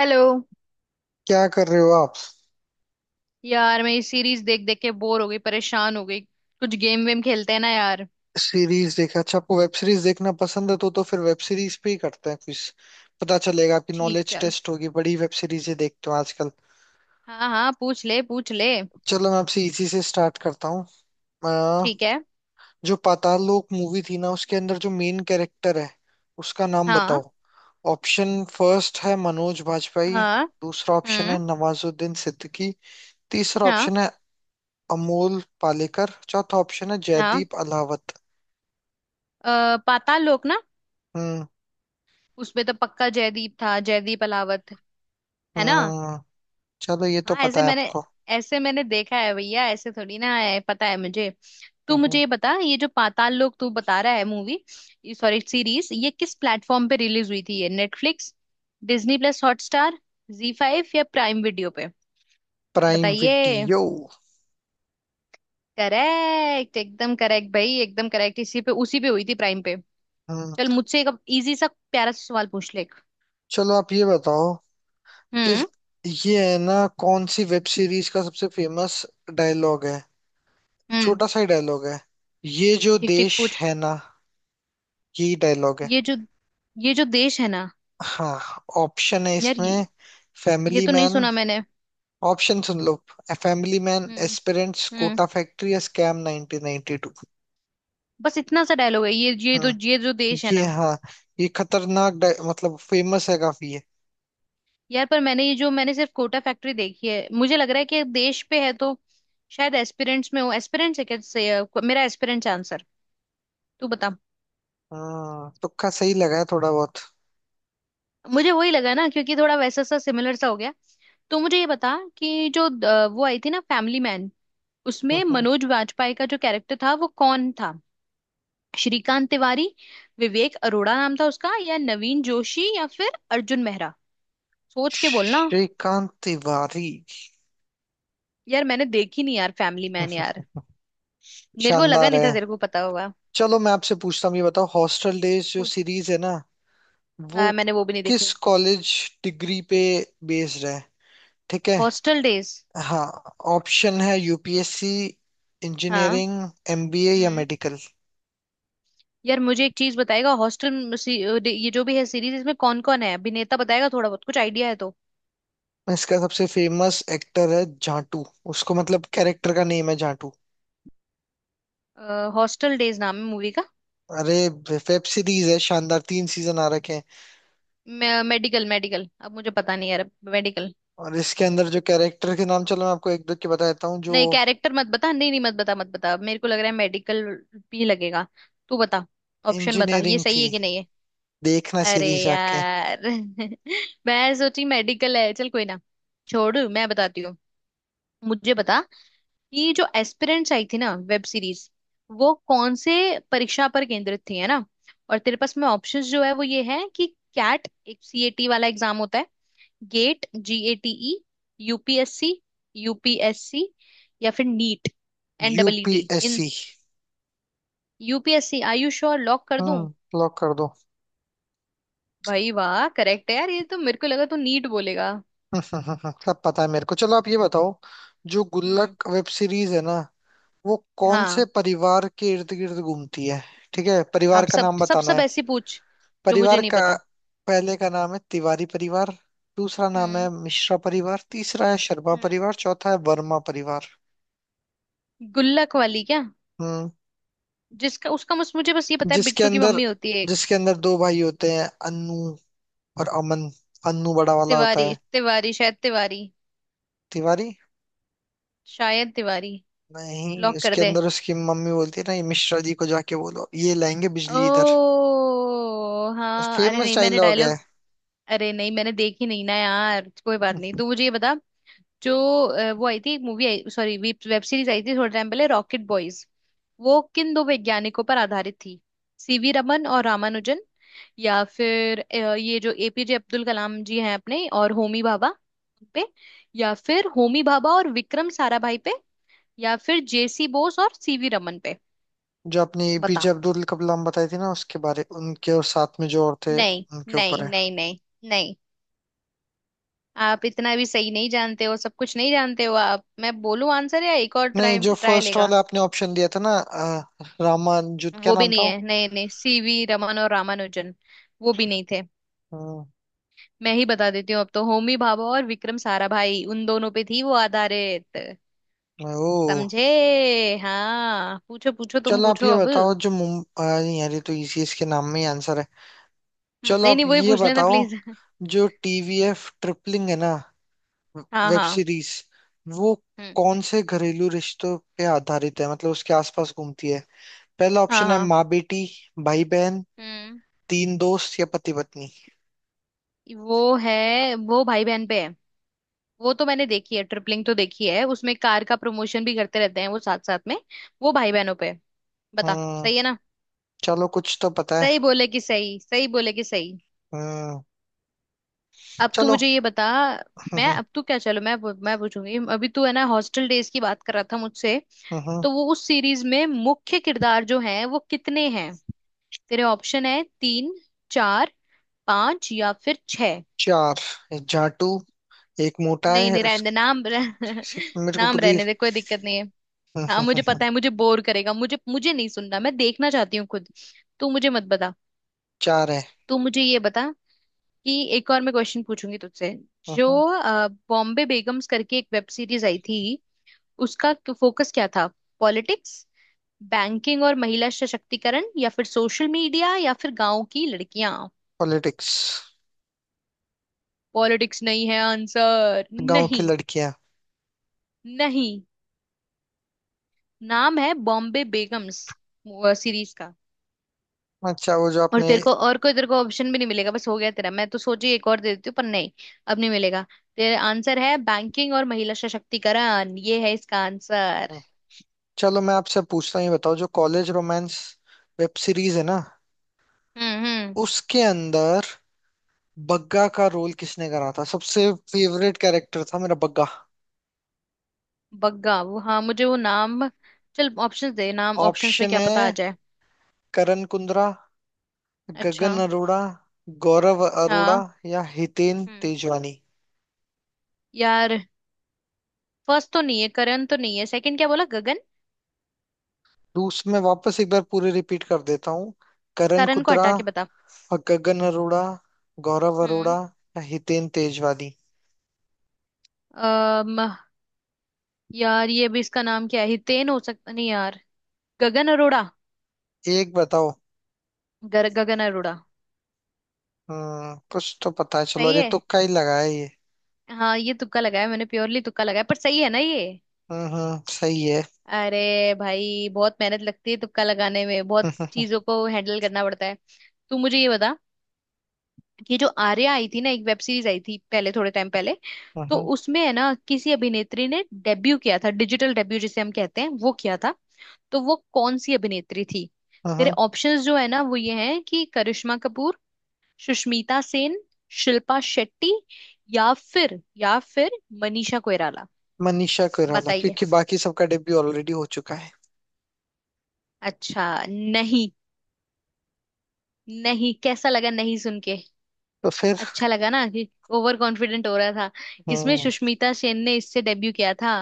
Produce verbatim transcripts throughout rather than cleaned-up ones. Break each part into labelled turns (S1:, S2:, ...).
S1: Hello.
S2: क्या कर रहे हो आप।
S1: यार मैं ये सीरीज देख देख के बोर हो गई, परेशान हो गई। कुछ गेम वेम खेलते हैं ना यार।
S2: सीरीज देखे? अच्छा, आपको वेब सीरीज देखना पसंद है? तो तो फिर वेब सीरीज पे ही करते हैं कुछ। पता चलेगा, आपकी
S1: ठीक
S2: नॉलेज
S1: चल।
S2: टेस्ट होगी। बड़ी वेब सीरीजें देखते हो आजकल?
S1: हाँ हाँ पूछ ले पूछ ले।
S2: चलो मैं आपसे इसी से स्टार्ट करता हूँ। अ,
S1: ठीक है।
S2: जो पाताल लोक मूवी थी ना, उसके अंदर जो मेन कैरेक्टर है उसका नाम
S1: हाँ
S2: बताओ। ऑप्शन फर्स्ट है मनोज बाजपेयी।
S1: हाँ।
S2: दूसरा ऑप्शन है
S1: हम्म।
S2: नवाजुद्दीन सिद्दीकी। तीसरा
S1: हाँ
S2: ऑप्शन है अमोल पालेकर। चौथा ऑप्शन है
S1: हाँ।
S2: जयदीप अलावत।
S1: अ, पाताल लोक ना,
S2: हम्म।
S1: उसमें तो पक्का जयदीप था, जयदीप अलावत। है ना।
S2: हम्म। चलो ये तो
S1: हाँ
S2: पता
S1: ऐसे
S2: है
S1: मैंने
S2: आपको।
S1: ऐसे मैंने देखा है भैया, ऐसे थोड़ी ना है पता है मुझे। तू मुझे
S2: हम्म।
S1: ये बता, ये जो पाताल लोक तू बता रहा है मूवी, सॉरी सीरीज, ये किस प्लेटफॉर्म पे रिलीज हुई थी? ये Netflix, Disney plus Hotstar, Zee five या प्राइम वीडियो पे?
S2: प्राइम
S1: बताइए।
S2: वीडियो।
S1: करेक्ट, एकदम करेक्ट भाई, एकदम करेक्ट। इसी पे उसी पे हुई थी, प्राइम पे।
S2: हम्म।
S1: चल मुझसे एक इजी सा प्यारा सा सवाल पूछ ले एक।
S2: चलो आप ये बताओ कि
S1: हम्म।
S2: ये है ना, कौन सी वेब सीरीज का सबसे फेमस डायलॉग है।
S1: हम्म।
S2: छोटा सा ही डायलॉग है, ये जो
S1: ठीक ठीक
S2: देश
S1: पूछ।
S2: है ना, यही डायलॉग है।
S1: ये जो ये जो देश है ना।
S2: हाँ ऑप्शन है
S1: यार
S2: इसमें,
S1: ये, ये
S2: फैमिली
S1: तो नहीं
S2: मैन।
S1: सुना मैंने।
S2: ऑप्शन सुन लो, फैमिली मैन,
S1: हम्म।
S2: एस्पिरेंट्स,
S1: हम्म।
S2: कोटा फैक्ट्री या स्कैम नाइनटीन नाइनटी टू।
S1: बस इतना सा डायलॉग है ये ये तो,
S2: हाँ।
S1: ये जो देश है
S2: ये
S1: ना।
S2: हाँ, ये खतरनाक डाय- मतलब फेमस है काफी ये।
S1: यार पर मैंने ये जो मैंने सिर्फ कोटा फैक्ट्री देखी है। मुझे लग रहा है कि देश पे है तो शायद एस्पिरेंट्स में हो। एस्पिरेंट्स है क्या से, अ, मेरा एस्पिरेंट्स आंसर। तू बता।
S2: हाँ तुक्का सही लगा है थोड़ा बहुत।
S1: मुझे वही लगा ना, क्योंकि थोड़ा वैसा सा सिमिलर सा हो गया। तो मुझे ये बता कि जो अ, वो आई थी ना फैमिली मैन, उसमें
S2: हम्म,
S1: मनोज वाजपेयी का जो कैरेक्टर था वो कौन था? श्रीकांत तिवारी, विवेक अरोड़ा नाम था उसका, या नवीन जोशी, या फिर अर्जुन मेहरा। सोच के बोलना।
S2: श्रीकांत तिवारी।
S1: यार मैंने देखी नहीं यार फैमिली मैन यार। मेरे को लगा
S2: शानदार
S1: नहीं
S2: है।
S1: था तेरे को पता होगा।
S2: चलो मैं आपसे पूछता हूँ, ये बताओ, हॉस्टल डेज जो
S1: पूछ।
S2: सीरीज है ना, वो
S1: हाँ मैंने वो भी नहीं
S2: किस
S1: देखी।
S2: कॉलेज डिग्री पे बेस्ड है? ठीक है।
S1: Hostel days.
S2: हाँ, ऑप्शन है यूपीएससी,
S1: हाँ।
S2: इंजीनियरिंग, एमबीए या
S1: हम्म।
S2: मेडिकल।
S1: यार मुझे एक चीज बताएगा हॉस्टल, ये जो भी है सीरीज, इसमें कौन कौन है अभिनेता बताएगा? थोड़ा बहुत कुछ आइडिया है तो।
S2: इसका सबसे फेमस एक्टर है जाटू। उसको मतलब कैरेक्टर का नेम है जाटू।
S1: हॉस्टल डेज नाम है मूवी का।
S2: अरे, वेब सीरीज है, शानदार, तीन सीजन आ रखे हैं।
S1: मेडिकल, मेडिकल, अब मुझे पता नहीं यार। मेडिकल।
S2: और इसके अंदर जो कैरेक्टर के नाम, चलो मैं आपको एक दो के बता देता हूँ जो।
S1: नहीं कैरेक्टर मत बता, नहीं नहीं मत बता मत बता। मेरे को लग रहा है मेडिकल भी लगेगा। तू बता, ऑप्शन बता, ये
S2: इंजीनियरिंग
S1: सही
S2: थी।
S1: है कि नहीं है?
S2: देखना
S1: अरे
S2: सीरीज जाके।
S1: यार मैं सोची मेडिकल है, चल कोई ना, छोड़। मैं बताती हूँ, मुझे बता। ये जो एस्पिरेंट्स आई थी ना वेब सीरीज, वो कौन से परीक्षा पर केंद्रित थी, है ना? और तेरे पास में ऑप्शंस जो है वो ये है कि कैट, एक सीएटी वाला एग्जाम होता है, गेट जीएटीई, यूपीएससी, यूपीएससी, या फिर नीट, एनडब्ल्यूटी इन।
S2: यूपीएससी।
S1: यूपीएससी आयुष और लॉक कर दूं?
S2: हम्म, लॉक कर दो।
S1: भाई वाह, करेक्ट है यार। ये तो मेरे को लगा तू नीट बोलेगा।
S2: सब पता है मेरे को। चलो आप ये बताओ, जो
S1: हम्म।
S2: गुल्लक वेब सीरीज है ना, वो कौन से
S1: हाँ
S2: परिवार के इर्द गिर्द घूमती है? ठीक है, परिवार
S1: आप
S2: का
S1: सब
S2: नाम
S1: सब
S2: बताना
S1: सब
S2: है।
S1: ऐसी पूछ जो मुझे
S2: परिवार
S1: नहीं
S2: का
S1: पता।
S2: पहले का नाम है तिवारी परिवार। दूसरा नाम है
S1: हम्म।
S2: मिश्रा परिवार। तीसरा है शर्मा
S1: हम्म।
S2: परिवार। चौथा है वर्मा परिवार।
S1: गुल्लक वाली क्या?
S2: हम्म।
S1: जिसका उसका मुझ, मुझे बस ये पता है
S2: जिसके
S1: बिट्टू की
S2: अंदर
S1: मम्मी होती है एक।
S2: जिसके अंदर दो भाई होते हैं, अनु और अमन। अनु बड़ा वाला
S1: तिवारी
S2: होता है।
S1: तिवारी शायद तिवारी,
S2: तिवारी।
S1: शायद तिवारी।
S2: नहीं,
S1: लॉक कर
S2: उसके
S1: दे।
S2: अंदर उसकी मम्मी बोलती है ना, ये मिश्रा जी को जाके बोलो, ये लाएंगे बिजली इधर।
S1: ओ हाँ, अरे
S2: फेमस
S1: नहीं मैंने
S2: डायलॉग है।
S1: डायलॉग, अरे नहीं मैंने देखी नहीं ना यार, कोई बात नहीं। तू मुझे ये बता, जो अ, वो आई थी मूवी आई, सॉरी वेब सीरीज आई थी थोड़े टाइम पहले, रॉकेट बॉयज, वो किन दो वैज्ञानिकों पर आधारित थी? सीवी रमन और रामानुजन, या फिर अ, ये जो एपीजे अब्दुल कलाम जी हैं अपने और होमी भाभा उन पे, या फिर होमी भाभा और विक्रम साराभाई पे, या फिर जेसी बोस और सीवी रमन पे?
S2: जो अपनी
S1: बता।
S2: पीजे अब्दुल कलाम बताई थी ना, उसके बारे, उनके और साथ में जो और थे
S1: नहीं।
S2: उनके ऊपर
S1: नहीं
S2: है।
S1: नहीं नहीं। नहीं। आप इतना भी सही नहीं जानते हो, सब कुछ नहीं जानते हो आप। मैं बोलूं आंसर या एक और
S2: नहीं,
S1: ट्राई
S2: जो
S1: ट्राई
S2: फर्स्ट
S1: लेगा?
S2: वाला आपने ऑप्शन दिया था ना, अ, रामान जुत क्या
S1: वो भी
S2: नाम था
S1: नहीं
S2: वो?
S1: है, नहीं नहीं, सीवी रमन और रामानुजन वो भी नहीं थे।
S2: हम्म।
S1: मैं ही बता देती हूँ अब तो। होमी भाभा और विक्रम साराभाई, उन दोनों पे थी वो आधारित।
S2: ओ,
S1: समझे। हाँ पूछो पूछो तुम
S2: चलो आप
S1: पूछो
S2: ये
S1: अब।
S2: बताओ।
S1: हम्म,
S2: जो मुम अ, नहीं यार, ये तो इसी इसके नाम में ही आंसर है। चलो
S1: नहीं
S2: आप
S1: नहीं वही
S2: ये
S1: पूछ लेना
S2: बताओ,
S1: प्लीज
S2: जो टीवीएफ ट्रिपलिंग है ना
S1: हाँ
S2: वेब
S1: हाँ।
S2: सीरीज, वो
S1: हम्म।
S2: कौन से घरेलू रिश्तों पे आधारित है, मतलब उसके आसपास घूमती है? पहला
S1: हाँ
S2: ऑप्शन है
S1: हाँ।
S2: माँ बेटी, भाई बहन,
S1: हम्म।
S2: तीन दोस्त या पति पत्नी।
S1: वो है, वो भाई बहन पे है। वो तो मैंने देखी है, ट्रिपलिंग तो देखी है, उसमें कार का प्रमोशन भी करते रहते हैं वो साथ साथ में। वो भाई बहनों पे है। बता
S2: हम्म।
S1: सही है ना।
S2: चलो कुछ तो पता है।
S1: सही बोले कि सही, सही बोले कि सही।
S2: हम्म।
S1: अब तू
S2: चलो।
S1: मुझे ये बता। मैं
S2: हम्म।
S1: अब तू क्या, चलो मैं पू- मैं पूछूंगी अभी, तू है ना हॉस्टल डेज की बात कर रहा था मुझसे।
S2: हम्म।
S1: तो वो उस सीरीज में मुख्य किरदार जो है वो कितने हैं? तेरे ऑप्शन है तीन, चार, पांच या फिर छह।
S2: चार। एक जाटू, एक मोटा
S1: नहीं
S2: है
S1: नहीं
S2: उस,
S1: रहने दे नाम रह-
S2: इसी- मेरे को
S1: नाम
S2: पूरी।
S1: रहने दे, कोई दिक्कत नहीं है। हाँ मुझे पता है मुझे बोर करेगा, मुझे मुझे नहीं सुनना, मैं देखना चाहती हूँ खुद। तू मुझे मत बता।
S2: चार है।
S1: तू मुझे ये बता कि एक और मैं क्वेश्चन पूछूंगी तुझसे। जो
S2: हम्म।
S1: अ, बॉम्बे बेगम्स करके एक वेब सीरीज आई थी, उसका फोकस क्या था? पॉलिटिक्स, बैंकिंग और महिला सशक्तिकरण, या फिर सोशल मीडिया, या फिर गांव की लड़कियां?
S2: पॉलिटिक्स।
S1: पॉलिटिक्स नहीं है आंसर।
S2: गांव की
S1: नहीं।
S2: लड़कियां।
S1: नहीं। नाम है बॉम्बे बेगम्स सीरीज का।
S2: अच्छा, वो जो
S1: और
S2: आपने।
S1: तेरे को और कोई तेरे को ऑप्शन भी नहीं मिलेगा, बस हो गया तेरा। मैं तो सोची एक और दे देती हूँ पर नहीं, अब नहीं मिलेगा। तेरा आंसर है बैंकिंग और महिला सशक्तिकरण, ये है इसका आंसर।
S2: चलो मैं आपसे पूछता हूँ, ये बताओ, जो कॉलेज रोमांस वेब सीरीज है ना,
S1: हम्म हम्म।
S2: उसके अंदर बग्गा का रोल किसने करा था? सबसे फेवरेट कैरेक्टर था मेरा बग्गा।
S1: बग्गा, वो हाँ मुझे वो नाम। चल ऑप्शंस दे नाम, ऑप्शंस में
S2: ऑप्शन
S1: क्या पता आ
S2: है
S1: जाए।
S2: करण कुंद्रा,
S1: अच्छा।
S2: गगन अरोड़ा, गौरव अरोड़ा
S1: हाँ।
S2: या हितेन
S1: हम्म।
S2: तेजवानी।
S1: यार फर्स्ट तो नहीं है, करण तो नहीं है, सेकंड क्या बोला गगन?
S2: दूस मैं वापस एक बार पूरे रिपीट कर देता हूँ। करण
S1: करण को
S2: कुंद्रा,
S1: हटा के बता।
S2: गगन अरोड़ा, गौरव अरोड़ा
S1: हम्म।
S2: या हितेन तेजवानी।
S1: अम। यार ये भी, इसका नाम क्या है हितेन, हो सकता नहीं यार। गगन अरोड़ा।
S2: एक बताओ।
S1: गर, गगन अरोड़ा।
S2: हम्म, कुछ तो पता है। चलो, और
S1: सही
S2: ये
S1: है।
S2: तुक्का ही लगाया ये?
S1: हाँ ये तुक्का लगाया मैंने, प्योरली तुक्का लगाया, पर सही है ना ये।
S2: हम्म। हम्म, सही है।
S1: अरे भाई बहुत मेहनत लगती है तुक्का लगाने में, बहुत चीजों को हैंडल करना पड़ता है। तू मुझे ये बता, ये जो आर्या आई थी ना, एक वेब सीरीज आई थी पहले थोड़े टाइम पहले, तो उसमें है ना किसी अभिनेत्री ने डेब्यू किया था, डिजिटल डेब्यू जिसे हम कहते हैं वो किया था, तो वो कौन सी अभिनेत्री थी? तेरे ऑप्शंस जो है ना वो ये हैं कि करिश्मा कपूर, सुष्मिता सेन, शिल्पा शेट्टी, या फिर या फिर मनीषा कोइराला।
S2: मनीषा कोइराला,
S1: बताइए।
S2: क्योंकि बाकी सबका डेब्यू ऑलरेडी हो चुका है।
S1: अच्छा। नहीं, नहीं कैसा लगा नहीं सुन के?
S2: तो फिर।
S1: अच्छा लगा ना कि ओवर कॉन्फिडेंट हो रहा था। इसमें
S2: हम्म।
S1: सुष्मिता सेन ने इससे डेब्यू किया था,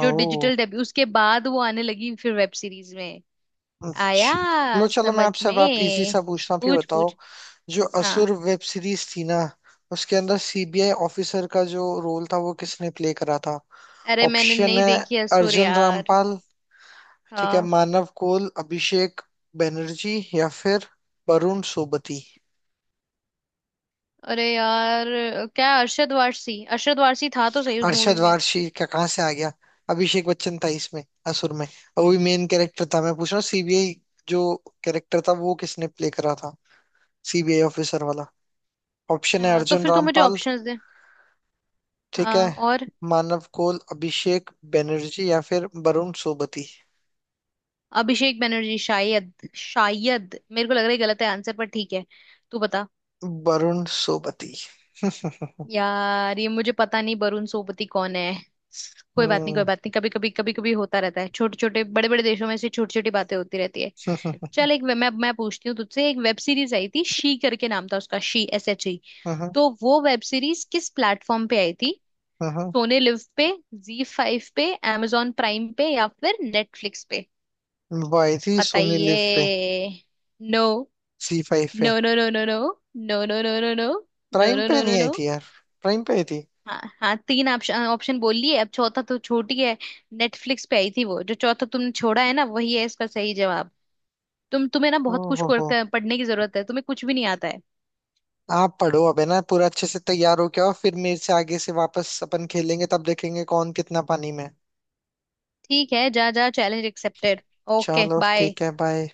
S1: जो
S2: ओ,
S1: डिजिटल डेब्यू। उसके बाद वो आने लगी फिर वेब सीरीज में।
S2: अच्छा। लो,
S1: आया
S2: चलो मैं
S1: समझ
S2: आपसे अब, आप इजी
S1: में।
S2: सा पूछना। आप ये
S1: पूछ
S2: बताओ,
S1: पूछ।
S2: जो असुर
S1: हाँ।
S2: वेब सीरीज थी ना, उसके अंदर सीबीआई ऑफिसर का जो रोल था वो किसने प्ले करा था?
S1: अरे मैंने
S2: ऑप्शन
S1: नहीं
S2: है
S1: देखी है सुर
S2: अर्जुन
S1: यार।
S2: रामपाल, ठीक है,
S1: हाँ।
S2: मानव कोल, अभिषेक बनर्जी या फिर वरुण सोबती।
S1: अरे यार क्या, अरशद वारसी, अरशद वारसी था तो सही उस मूवी
S2: अरशद
S1: में।
S2: वारसी क्या, कहाँ से आ गया? अभिषेक बच्चन था इसमें असुर में, और वो भी मेन कैरेक्टर था। मैं पूछ रहा हूँ सीबीआई जो कैरेक्टर था वो किसने प्ले करा था, सीबीआई ऑफिसर वाला। ऑप्शन है
S1: हाँ, तो
S2: अर्जुन
S1: फिर तू मुझे
S2: रामपाल,
S1: ऑप्शंस दे।
S2: ठीक है,
S1: हाँ और?
S2: मानव कोल, अभिषेक बनर्जी या फिर वरुण सोबती।
S1: अभिषेक बनर्जी, शायद शायद मेरे को लग रहा है गलत है आंसर, पर ठीक है। तू बता।
S2: वरुण सोबती।
S1: यार ये मुझे पता नहीं वरुण सोपति कौन है। कोई बात नहीं कोई
S2: हम्म।
S1: बात नहीं, कभी कभी कभी कभी होता रहता है, छोटे छोटे बड़े बड़े देशों में ऐसी छोटी छोटी बातें होती रहती है। चल एक वे- मैं मैं पूछती हूँ तुझसे, एक वेब सीरीज आई थी शी करके नाम था उसका, शी एस एच ई। तो वो वेब सीरीज किस प्लेटफॉर्म पे आई थी? सोने लिव पे, जी फाइव पे, amazon प्राइम पे, या फिर नेटफ्लिक्स पे?
S2: हम्म, वो आई थी सोनी लिव पे।
S1: बताइए। नो,
S2: सी फाइव पे।
S1: No, no, no, no. No, no, no, no, no. No,
S2: Prime
S1: no, no,
S2: पे
S1: नो, नो।
S2: नहीं आई
S1: नो।
S2: थी यार? प्राइम पे आई थी।
S1: हाँ हाँ तीन ऑप्शन, ऑप्शन बोल लिए अब चौथा तो छूट ही है। नेटफ्लिक्स पे आई थी वो, जो चौथा तुमने छोड़ा है ना वही है इसका सही जवाब। तुम, तुम्हें ना बहुत कुछ कर-
S2: ओहो।
S1: कर- पढ़ने की जरूरत है, तुम्हें कुछ भी नहीं आता है।
S2: आप पढ़ो अब है ना पूरा अच्छे से, तैयार हो क्या, और फिर मेरे से आगे से वापस अपन खेलेंगे, तब देखेंगे कौन कितना पानी में है।
S1: ठीक है जा जा, चैलेंज एक्सेप्टेड। ओके
S2: चलो
S1: बाय।
S2: ठीक है, बाय।